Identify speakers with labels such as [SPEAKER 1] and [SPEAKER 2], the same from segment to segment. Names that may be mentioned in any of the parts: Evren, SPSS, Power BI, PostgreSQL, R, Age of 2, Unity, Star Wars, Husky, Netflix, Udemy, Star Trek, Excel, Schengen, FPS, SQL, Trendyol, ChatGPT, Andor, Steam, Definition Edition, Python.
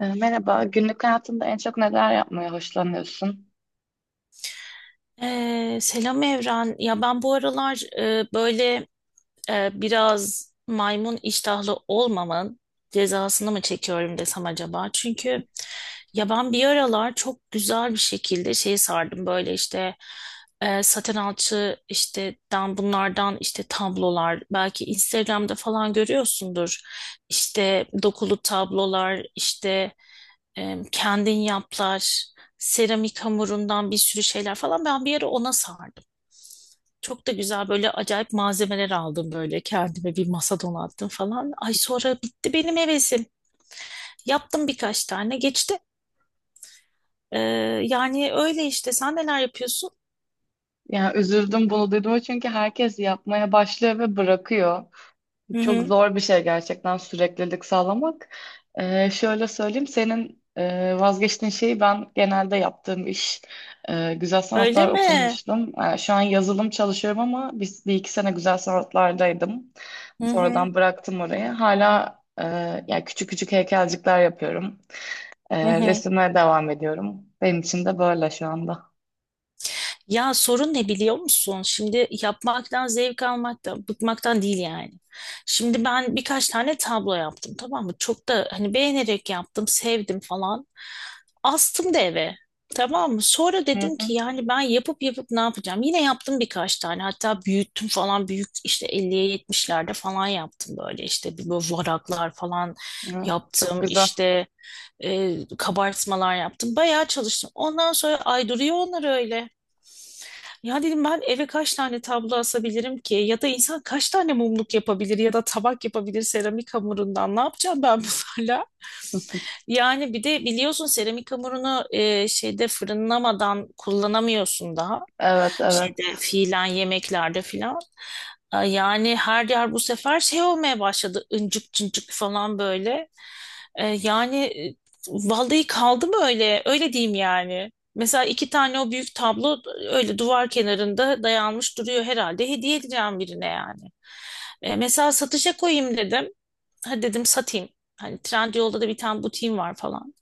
[SPEAKER 1] Merhaba, günlük hayatında en çok neler yapmaya hoşlanıyorsun?
[SPEAKER 2] Selam Evren. Ya ben bu aralar böyle biraz maymun iştahlı olmamın cezasını mı çekiyorum desem acaba? Çünkü ya ben bir aralar çok güzel bir şekilde şey sardım böyle işte saten alçı işte dan bunlardan işte tablolar belki Instagram'da falan görüyorsundur. İşte dokulu tablolar işte kendin yaplar seramik hamurundan bir sürü şeyler falan ben bir ara ona sardım. Çok da güzel böyle acayip malzemeler aldım böyle kendime bir masa donattım falan. Ay sonra bitti benim hevesim. Yaptım birkaç tane geçti. Ee, yani öyle işte sen neler yapıyorsun?
[SPEAKER 1] Yani üzüldüm bunu duyduğuma çünkü herkes yapmaya başlıyor ve bırakıyor.
[SPEAKER 2] Hı
[SPEAKER 1] Çok
[SPEAKER 2] hı.
[SPEAKER 1] zor bir şey gerçekten süreklilik sağlamak. Şöyle söyleyeyim, senin vazgeçtiğin şeyi ben genelde yaptığım iş. Güzel
[SPEAKER 2] Öyle
[SPEAKER 1] sanatlar
[SPEAKER 2] mi?
[SPEAKER 1] okumuştum. Şu an yazılım çalışıyorum ama biz bir iki sene güzel sanatlardaydım.
[SPEAKER 2] Hı hı.
[SPEAKER 1] Sonradan bıraktım orayı. Hala yani küçük küçük heykelcikler yapıyorum.
[SPEAKER 2] Hı hı.
[SPEAKER 1] Resimlere devam ediyorum. Benim için de böyle şu anda.
[SPEAKER 2] Ya sorun ne biliyor musun? Şimdi yapmaktan zevk almaktan, bıkmaktan değil yani. Şimdi ben birkaç tane tablo yaptım tamam mı? Çok da hani beğenerek yaptım, sevdim falan. Astım da eve. Tamam mı? Sonra
[SPEAKER 1] Hı
[SPEAKER 2] dedim
[SPEAKER 1] hı.
[SPEAKER 2] ki yani ben yapıp yapıp ne yapacağım? Yine yaptım birkaç tane. Hatta büyüttüm falan. Büyük işte 50'ye 70'lerde falan yaptım böyle. İşte bir böyle varaklar falan
[SPEAKER 1] Hı, çok
[SPEAKER 2] yaptım.
[SPEAKER 1] güzel.
[SPEAKER 2] İşte kabartmalar yaptım. Bayağı çalıştım. Ondan sonra ay duruyor onlar öyle. Ya dedim ben eve kaç tane tablo asabilirim ki? Ya da insan kaç tane mumluk yapabilir ya da tabak yapabilir seramik hamurundan? Ne yapacağım ben bunlarla? Yani bir de biliyorsun seramik hamurunu şeyde fırınlamadan kullanamıyorsun daha.
[SPEAKER 1] Evet, evet.
[SPEAKER 2] Şeyde fiilen yemeklerde filan. E, yani her yer bu sefer şey olmaya başladı. İncik cıncık falan böyle. E, yani e, vallahi kaldı mı öyle? Öyle diyeyim yani. Mesela iki tane o büyük tablo öyle duvar kenarında dayanmış duruyor herhalde. Hediye edeceğim birine yani. E, mesela satışa koyayım dedim hadi dedim satayım. Hani Trendyol'da da bir tane butiğim var falan.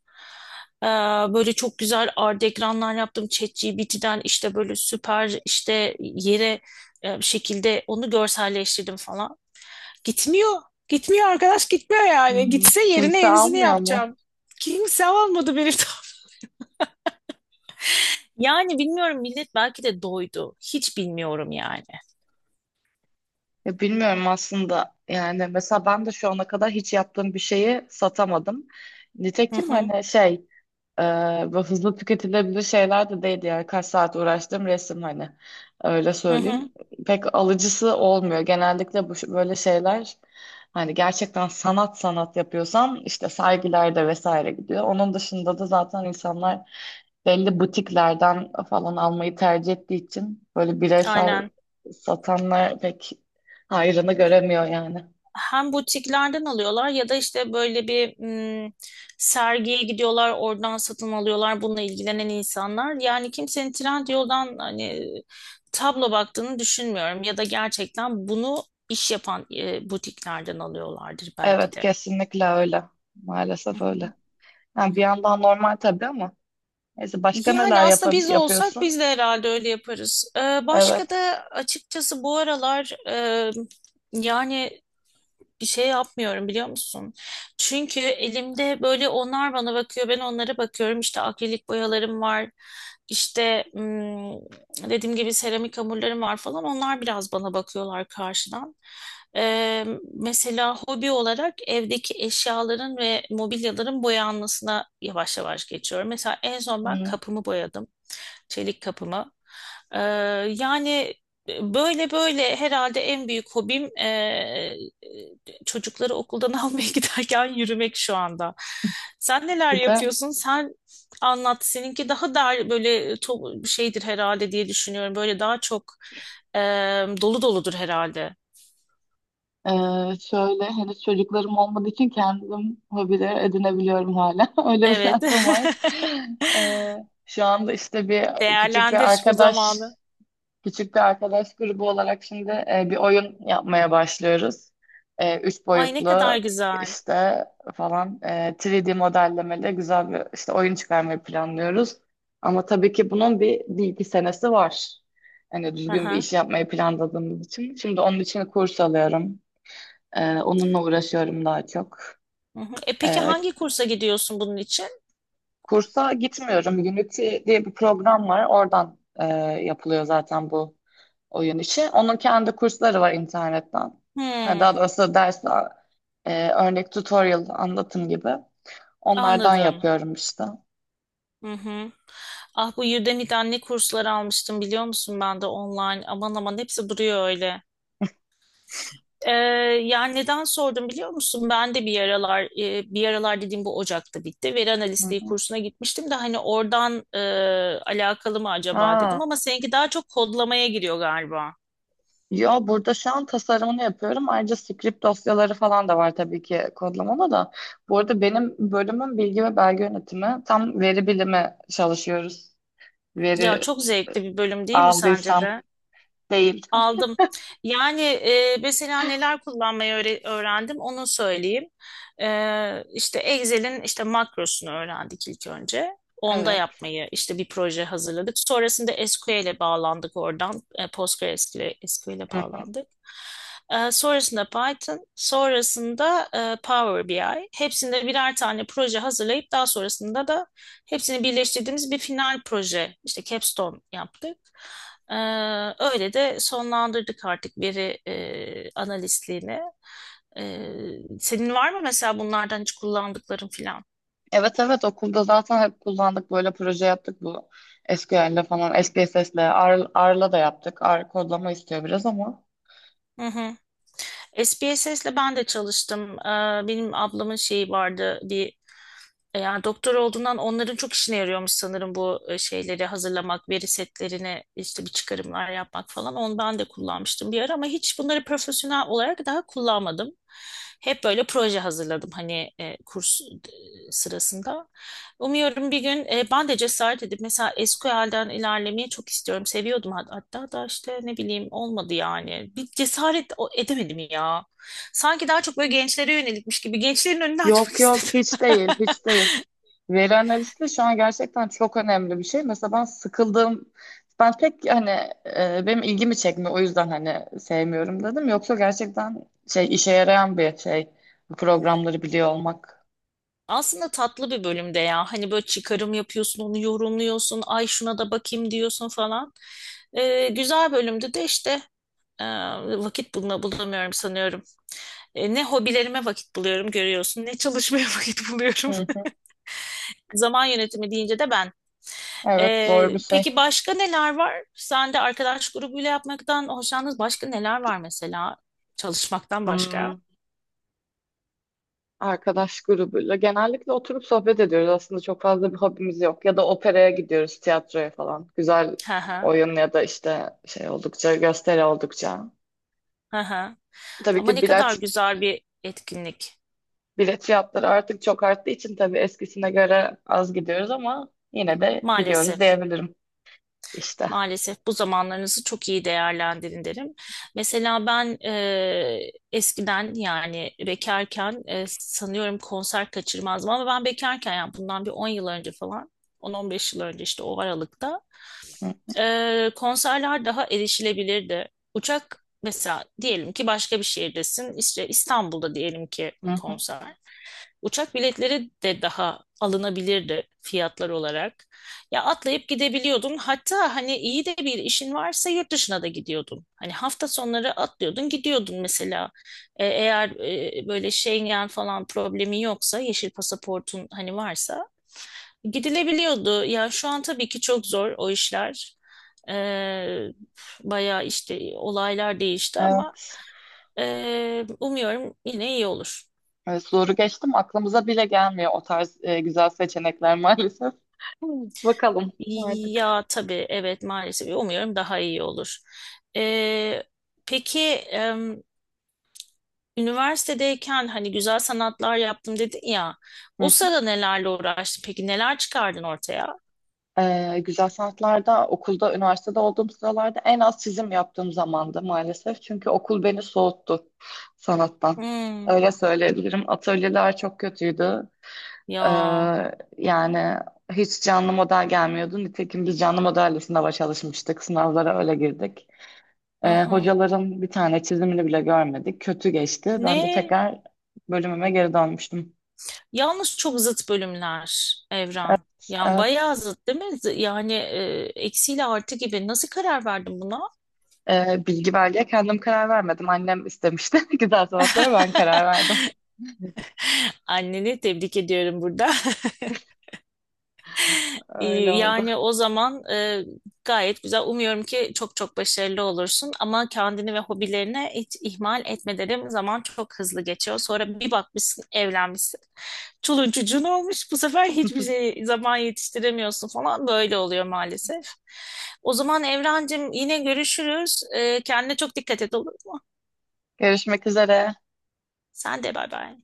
[SPEAKER 2] Ee, böyle çok güzel art ekranlar yaptım. ChatGPT'den işte böyle süper işte yere bir şekilde onu görselleştirdim falan. Gitmiyor. Gitmiyor arkadaş gitmiyor yani.
[SPEAKER 1] Hmm.
[SPEAKER 2] Gitse yerine
[SPEAKER 1] Kimse
[SPEAKER 2] yenisini
[SPEAKER 1] almıyor mu?
[SPEAKER 2] yapacağım. Kimse almadı beni. Yani bilmiyorum millet belki de doydu. Hiç bilmiyorum yani.
[SPEAKER 1] Ya bilmiyorum aslında. Yani mesela ben de şu ana kadar hiç yaptığım bir şeyi satamadım.
[SPEAKER 2] Hı
[SPEAKER 1] Nitekim
[SPEAKER 2] hı,
[SPEAKER 1] hani Ee, ve hızlı tüketilebilir şeyler de değildi, yani kaç saat uğraştım resim, hani öyle
[SPEAKER 2] hı hı.
[SPEAKER 1] söyleyeyim, pek alıcısı olmuyor genellikle bu böyle şeyler. Hani gerçekten sanat sanat yapıyorsam işte sergilerde vesaire gidiyor, onun dışında da zaten insanlar belli butiklerden falan almayı tercih ettiği için böyle bireysel
[SPEAKER 2] Aynen.
[SPEAKER 1] satanlar pek hayrını göremiyor yani.
[SPEAKER 2] Hem butiklerden alıyorlar ya da işte böyle bir mm, sergiye gidiyorlar oradan satın alıyorlar bununla ilgilenen insanlar. Yani kimsenin Trendyol'dan hani tablo baktığını düşünmüyorum ya da gerçekten bunu iş yapan butiklerden alıyorlardır belki
[SPEAKER 1] Evet,
[SPEAKER 2] de.
[SPEAKER 1] kesinlikle öyle,
[SPEAKER 2] Hı
[SPEAKER 1] maalesef
[SPEAKER 2] hı.
[SPEAKER 1] öyle. Yani bir yandan normal tabii ama neyse, başka
[SPEAKER 2] Yani
[SPEAKER 1] neler
[SPEAKER 2] aslında biz olsak
[SPEAKER 1] yapıyorsun?
[SPEAKER 2] biz de herhalde öyle yaparız. Başka
[SPEAKER 1] Evet.
[SPEAKER 2] da açıkçası bu aralar yani bir şey yapmıyorum biliyor musun? Çünkü elimde böyle onlar bana bakıyor, ben onlara bakıyorum. İşte akrilik boyalarım var. İşte dediğim gibi seramik hamurlarım var falan. Onlar biraz bana bakıyorlar karşıdan. Ee, mesela hobi olarak evdeki eşyaların ve mobilyaların boyanmasına yavaş yavaş geçiyorum. Mesela en son ben
[SPEAKER 1] Hı.
[SPEAKER 2] kapımı boyadım. Çelik kapımı. Ee, yani böyle böyle herhalde en büyük hobim çocukları okuldan almaya giderken yürümek şu anda. Sen neler
[SPEAKER 1] Bir de
[SPEAKER 2] yapıyorsun? Sen anlat. Seninki daha da böyle şeydir herhalde diye düşünüyorum. Böyle daha çok e, dolu doludur herhalde.
[SPEAKER 1] e, şöyle, henüz çocuklarım olmadığı için kendim hobiler edinebiliyorum hala. Öyle bir
[SPEAKER 2] Evet.
[SPEAKER 1] şansım var. E, Şu anda işte bir küçük bir
[SPEAKER 2] Değerlendir bu
[SPEAKER 1] arkadaş
[SPEAKER 2] zamanı.
[SPEAKER 1] Küçük bir arkadaş grubu olarak şimdi bir oyun yapmaya başlıyoruz. Üç
[SPEAKER 2] Ay ne kadar
[SPEAKER 1] boyutlu
[SPEAKER 2] güzel.
[SPEAKER 1] işte falan 3D modellemeli güzel bir işte oyun çıkarmayı planlıyoruz. Ama tabii ki bunun bir iki senesi var. Hani düzgün bir
[SPEAKER 2] Aha.
[SPEAKER 1] iş yapmayı planladığımız için. Şimdi onun için kurs alıyorum. Onunla uğraşıyorum daha çok.
[SPEAKER 2] Hı hı. E peki
[SPEAKER 1] E,
[SPEAKER 2] hangi kursa gidiyorsun bunun için?
[SPEAKER 1] Kursa gitmiyorum. Unity diye bir program var. Oradan yapılıyor zaten bu oyun işi. Onun kendi kursları var internetten. Ha, Daha
[SPEAKER 2] Hmm.
[SPEAKER 1] doğrusu dersler, örnek tutorial, anlatım gibi. Onlardan
[SPEAKER 2] Anladım.
[SPEAKER 1] yapıyorum işte. Hı
[SPEAKER 2] Hı hı. Ah bu Udemy'de anne kursları almıştım biliyor musun ben de online. Aman aman hepsi duruyor öyle. Ee, yani neden sordum biliyor musun? Ben de bir aralar bir aralar dediğim bu Ocak'ta bitti. Veri analistliği
[SPEAKER 1] hı.
[SPEAKER 2] kursuna gitmiştim de hani oradan alakalı mı acaba dedim
[SPEAKER 1] Ha.
[SPEAKER 2] ama seninki daha çok kodlamaya giriyor galiba.
[SPEAKER 1] Yo, burada şu an tasarımını yapıyorum. Ayrıca script dosyaları falan da var tabii ki, kodlamada da. Bu arada benim bölümüm bilgi ve belge yönetimi. Tam veri bilimi çalışıyoruz.
[SPEAKER 2] Ya
[SPEAKER 1] Veri
[SPEAKER 2] çok zevkli bir bölüm değil mi sence
[SPEAKER 1] aldıysam
[SPEAKER 2] de?
[SPEAKER 1] değil.
[SPEAKER 2] Aldım. Yani mesela neler kullanmayı öğrendim onu söyleyeyim. E, işte Excel'in işte makrosunu öğrendik ilk önce. Onda
[SPEAKER 1] Evet.
[SPEAKER 2] yapmayı işte bir proje hazırladık. Sonrasında SQL'e bağlandık oradan. E, PostgreSQL'e
[SPEAKER 1] Hı hı.
[SPEAKER 2] bağlandık. E, sonrasında Python, sonrasında Power BI. Hepsinde birer tane proje hazırlayıp daha sonrasında da hepsini birleştirdiğimiz bir final proje, işte capstone yaptık. Ee, öyle de sonlandırdık artık veri analistliğini. Ee, senin var mı mesela bunlardan hiç kullandıkların filan?
[SPEAKER 1] Evet, evet, okulda zaten hep kullandık, böyle proje yaptık, bu SQL'le falan, SPSS'le, R, R'la da yaptık. R kodlama istiyor biraz ama.
[SPEAKER 2] Hı hı. SPSS'le ben de çalıştım. Benim ablamın şeyi vardı, bir E, yani doktor olduğundan onların çok işine yarıyormuş sanırım bu şeyleri hazırlamak, veri setlerine işte bir çıkarımlar yapmak falan. Onu ben de kullanmıştım bir ara ama hiç bunları profesyonel olarak daha kullanmadım. Hep böyle proje hazırladım hani sırasında. Umuyorum bir gün ben de cesaret edip mesela SQL'den ilerlemeyi çok istiyorum. Seviyordum hatta da işte ne bileyim olmadı yani. Bir cesaret edemedim ya. Sanki daha çok böyle gençlere yönelikmiş gibi gençlerin önünü açmak
[SPEAKER 1] Yok yok,
[SPEAKER 2] istedim.
[SPEAKER 1] hiç değil, hiç değil. Veri analisti şu an gerçekten çok önemli bir şey. Mesela ben sıkıldım. Ben pek hani, benim ilgimi çekmiyor, o yüzden hani sevmiyorum dedim. Yoksa gerçekten şey, işe yarayan bir şey bu programları biliyor olmak.
[SPEAKER 2] Aslında tatlı bir bölümde ya. Hani böyle çıkarım yapıyorsun, onu yorumluyorsun, ay şuna da bakayım diyorsun falan. Güzel bölümde de işte e, vakit bulma, bulamıyorum sanıyorum. E, ne hobilerime vakit buluyorum görüyorsun, ne çalışmaya vakit
[SPEAKER 1] Hı
[SPEAKER 2] buluyorum.
[SPEAKER 1] hı.
[SPEAKER 2] Zaman yönetimi deyince de ben.
[SPEAKER 1] Evet, zor bir şey.
[SPEAKER 2] Peki başka neler var? Sen de arkadaş grubuyla yapmaktan hoşlandınız. Başka neler var mesela? Çalışmaktan başka.
[SPEAKER 1] Hmm. Arkadaş grubuyla. Genellikle oturup sohbet ediyoruz. Aslında çok fazla bir hobimiz yok. Ya da operaya gidiyoruz, tiyatroya falan. Güzel
[SPEAKER 2] Hı hı,
[SPEAKER 1] oyun ya da işte şey oldukça, gösteri oldukça.
[SPEAKER 2] hı hı.
[SPEAKER 1] Tabii
[SPEAKER 2] Ama
[SPEAKER 1] ki
[SPEAKER 2] ne kadar güzel bir etkinlik.
[SPEAKER 1] bilet fiyatları artık çok arttığı için tabii eskisine göre az gidiyoruz ama yine de gidiyoruz
[SPEAKER 2] Maalesef.
[SPEAKER 1] diyebilirim işte.
[SPEAKER 2] Maalesef bu zamanlarınızı çok iyi değerlendirin derim. Mesela ben eskiden yani bekarken sanıyorum konser kaçırmazdım ama ben bekarken yani bundan bir 10 yıl önce falan 10 on beş yıl önce işte o aralıkta
[SPEAKER 1] Hı
[SPEAKER 2] konserler daha erişilebilirdi. Uçak mesela diyelim ki başka bir şehirdesin işte İstanbul'da diyelim ki
[SPEAKER 1] hı. Hı.
[SPEAKER 2] konser. Uçak biletleri de daha alınabilirdi fiyatlar olarak. Ya atlayıp gidebiliyordun. Hatta hani iyi de bir işin varsa yurt dışına da gidiyordun. Hani hafta sonları atlıyordun, gidiyordun mesela. E, eğer böyle Schengen falan problemi yoksa, yeşil pasaportun hani varsa gidilebiliyordu. Ya şu an tabii ki çok zor o işler. E, bayağı işte olaylar değişti ama
[SPEAKER 1] Evet.
[SPEAKER 2] umuyorum yine iyi olur.
[SPEAKER 1] Evet, zoru geçtim. Aklımıza bile gelmiyor o tarz güzel seçenekler maalesef. Bakalım artık.
[SPEAKER 2] Ya tabii evet maalesef umuyorum daha iyi olur. Ee, peki em, üniversitedeyken hani güzel sanatlar yaptım dedin ya o sırada nelerle uğraştın peki neler çıkardın ortaya?
[SPEAKER 1] Güzel sanatlarda okulda, üniversitede olduğum sıralarda en az çizim yaptığım zamandı maalesef. Çünkü okul beni soğuttu sanattan.
[SPEAKER 2] Hmm,
[SPEAKER 1] Öyle söyleyebilirim. Atölyeler çok kötüydü. Ee,
[SPEAKER 2] ya
[SPEAKER 1] Yani hiç canlı model gelmiyordu. Nitekim biz canlı modelle sınava çalışmıştık. Sınavlara öyle girdik.
[SPEAKER 2] aha.
[SPEAKER 1] Hocaların bir tane çizimini bile görmedik. Kötü geçti. Ben de
[SPEAKER 2] Ne?
[SPEAKER 1] tekrar bölümüme geri dönmüştüm.
[SPEAKER 2] Yalnız çok zıt bölümler Evren. Yani
[SPEAKER 1] Evet.
[SPEAKER 2] bayağı zıt değil mi? Yani eksiyle artı gibi nasıl karar verdin buna?
[SPEAKER 1] Bilgi verdiye kendim karar vermedim. Annem istemişti. Güzel sanatlara ben karar verdim.
[SPEAKER 2] Anneni tebrik ediyorum burada.
[SPEAKER 1] Öyle oldu.
[SPEAKER 2] Yani o zaman gayet güzel. Umuyorum ki çok çok başarılı olursun ama kendini ve hobilerine hiç ihmal etme derim. Zaman çok hızlı geçiyor. Sonra bir bakmışsın evlenmişsin. Çoluğun çocuğun olmuş. Bu sefer hiçbir şey zaman yetiştiremiyorsun falan. Böyle oluyor maalesef. O zaman Evrencim yine görüşürüz. Kendine çok dikkat et olur mu?
[SPEAKER 1] Görüşmek üzere.
[SPEAKER 2] Sen de bay bay.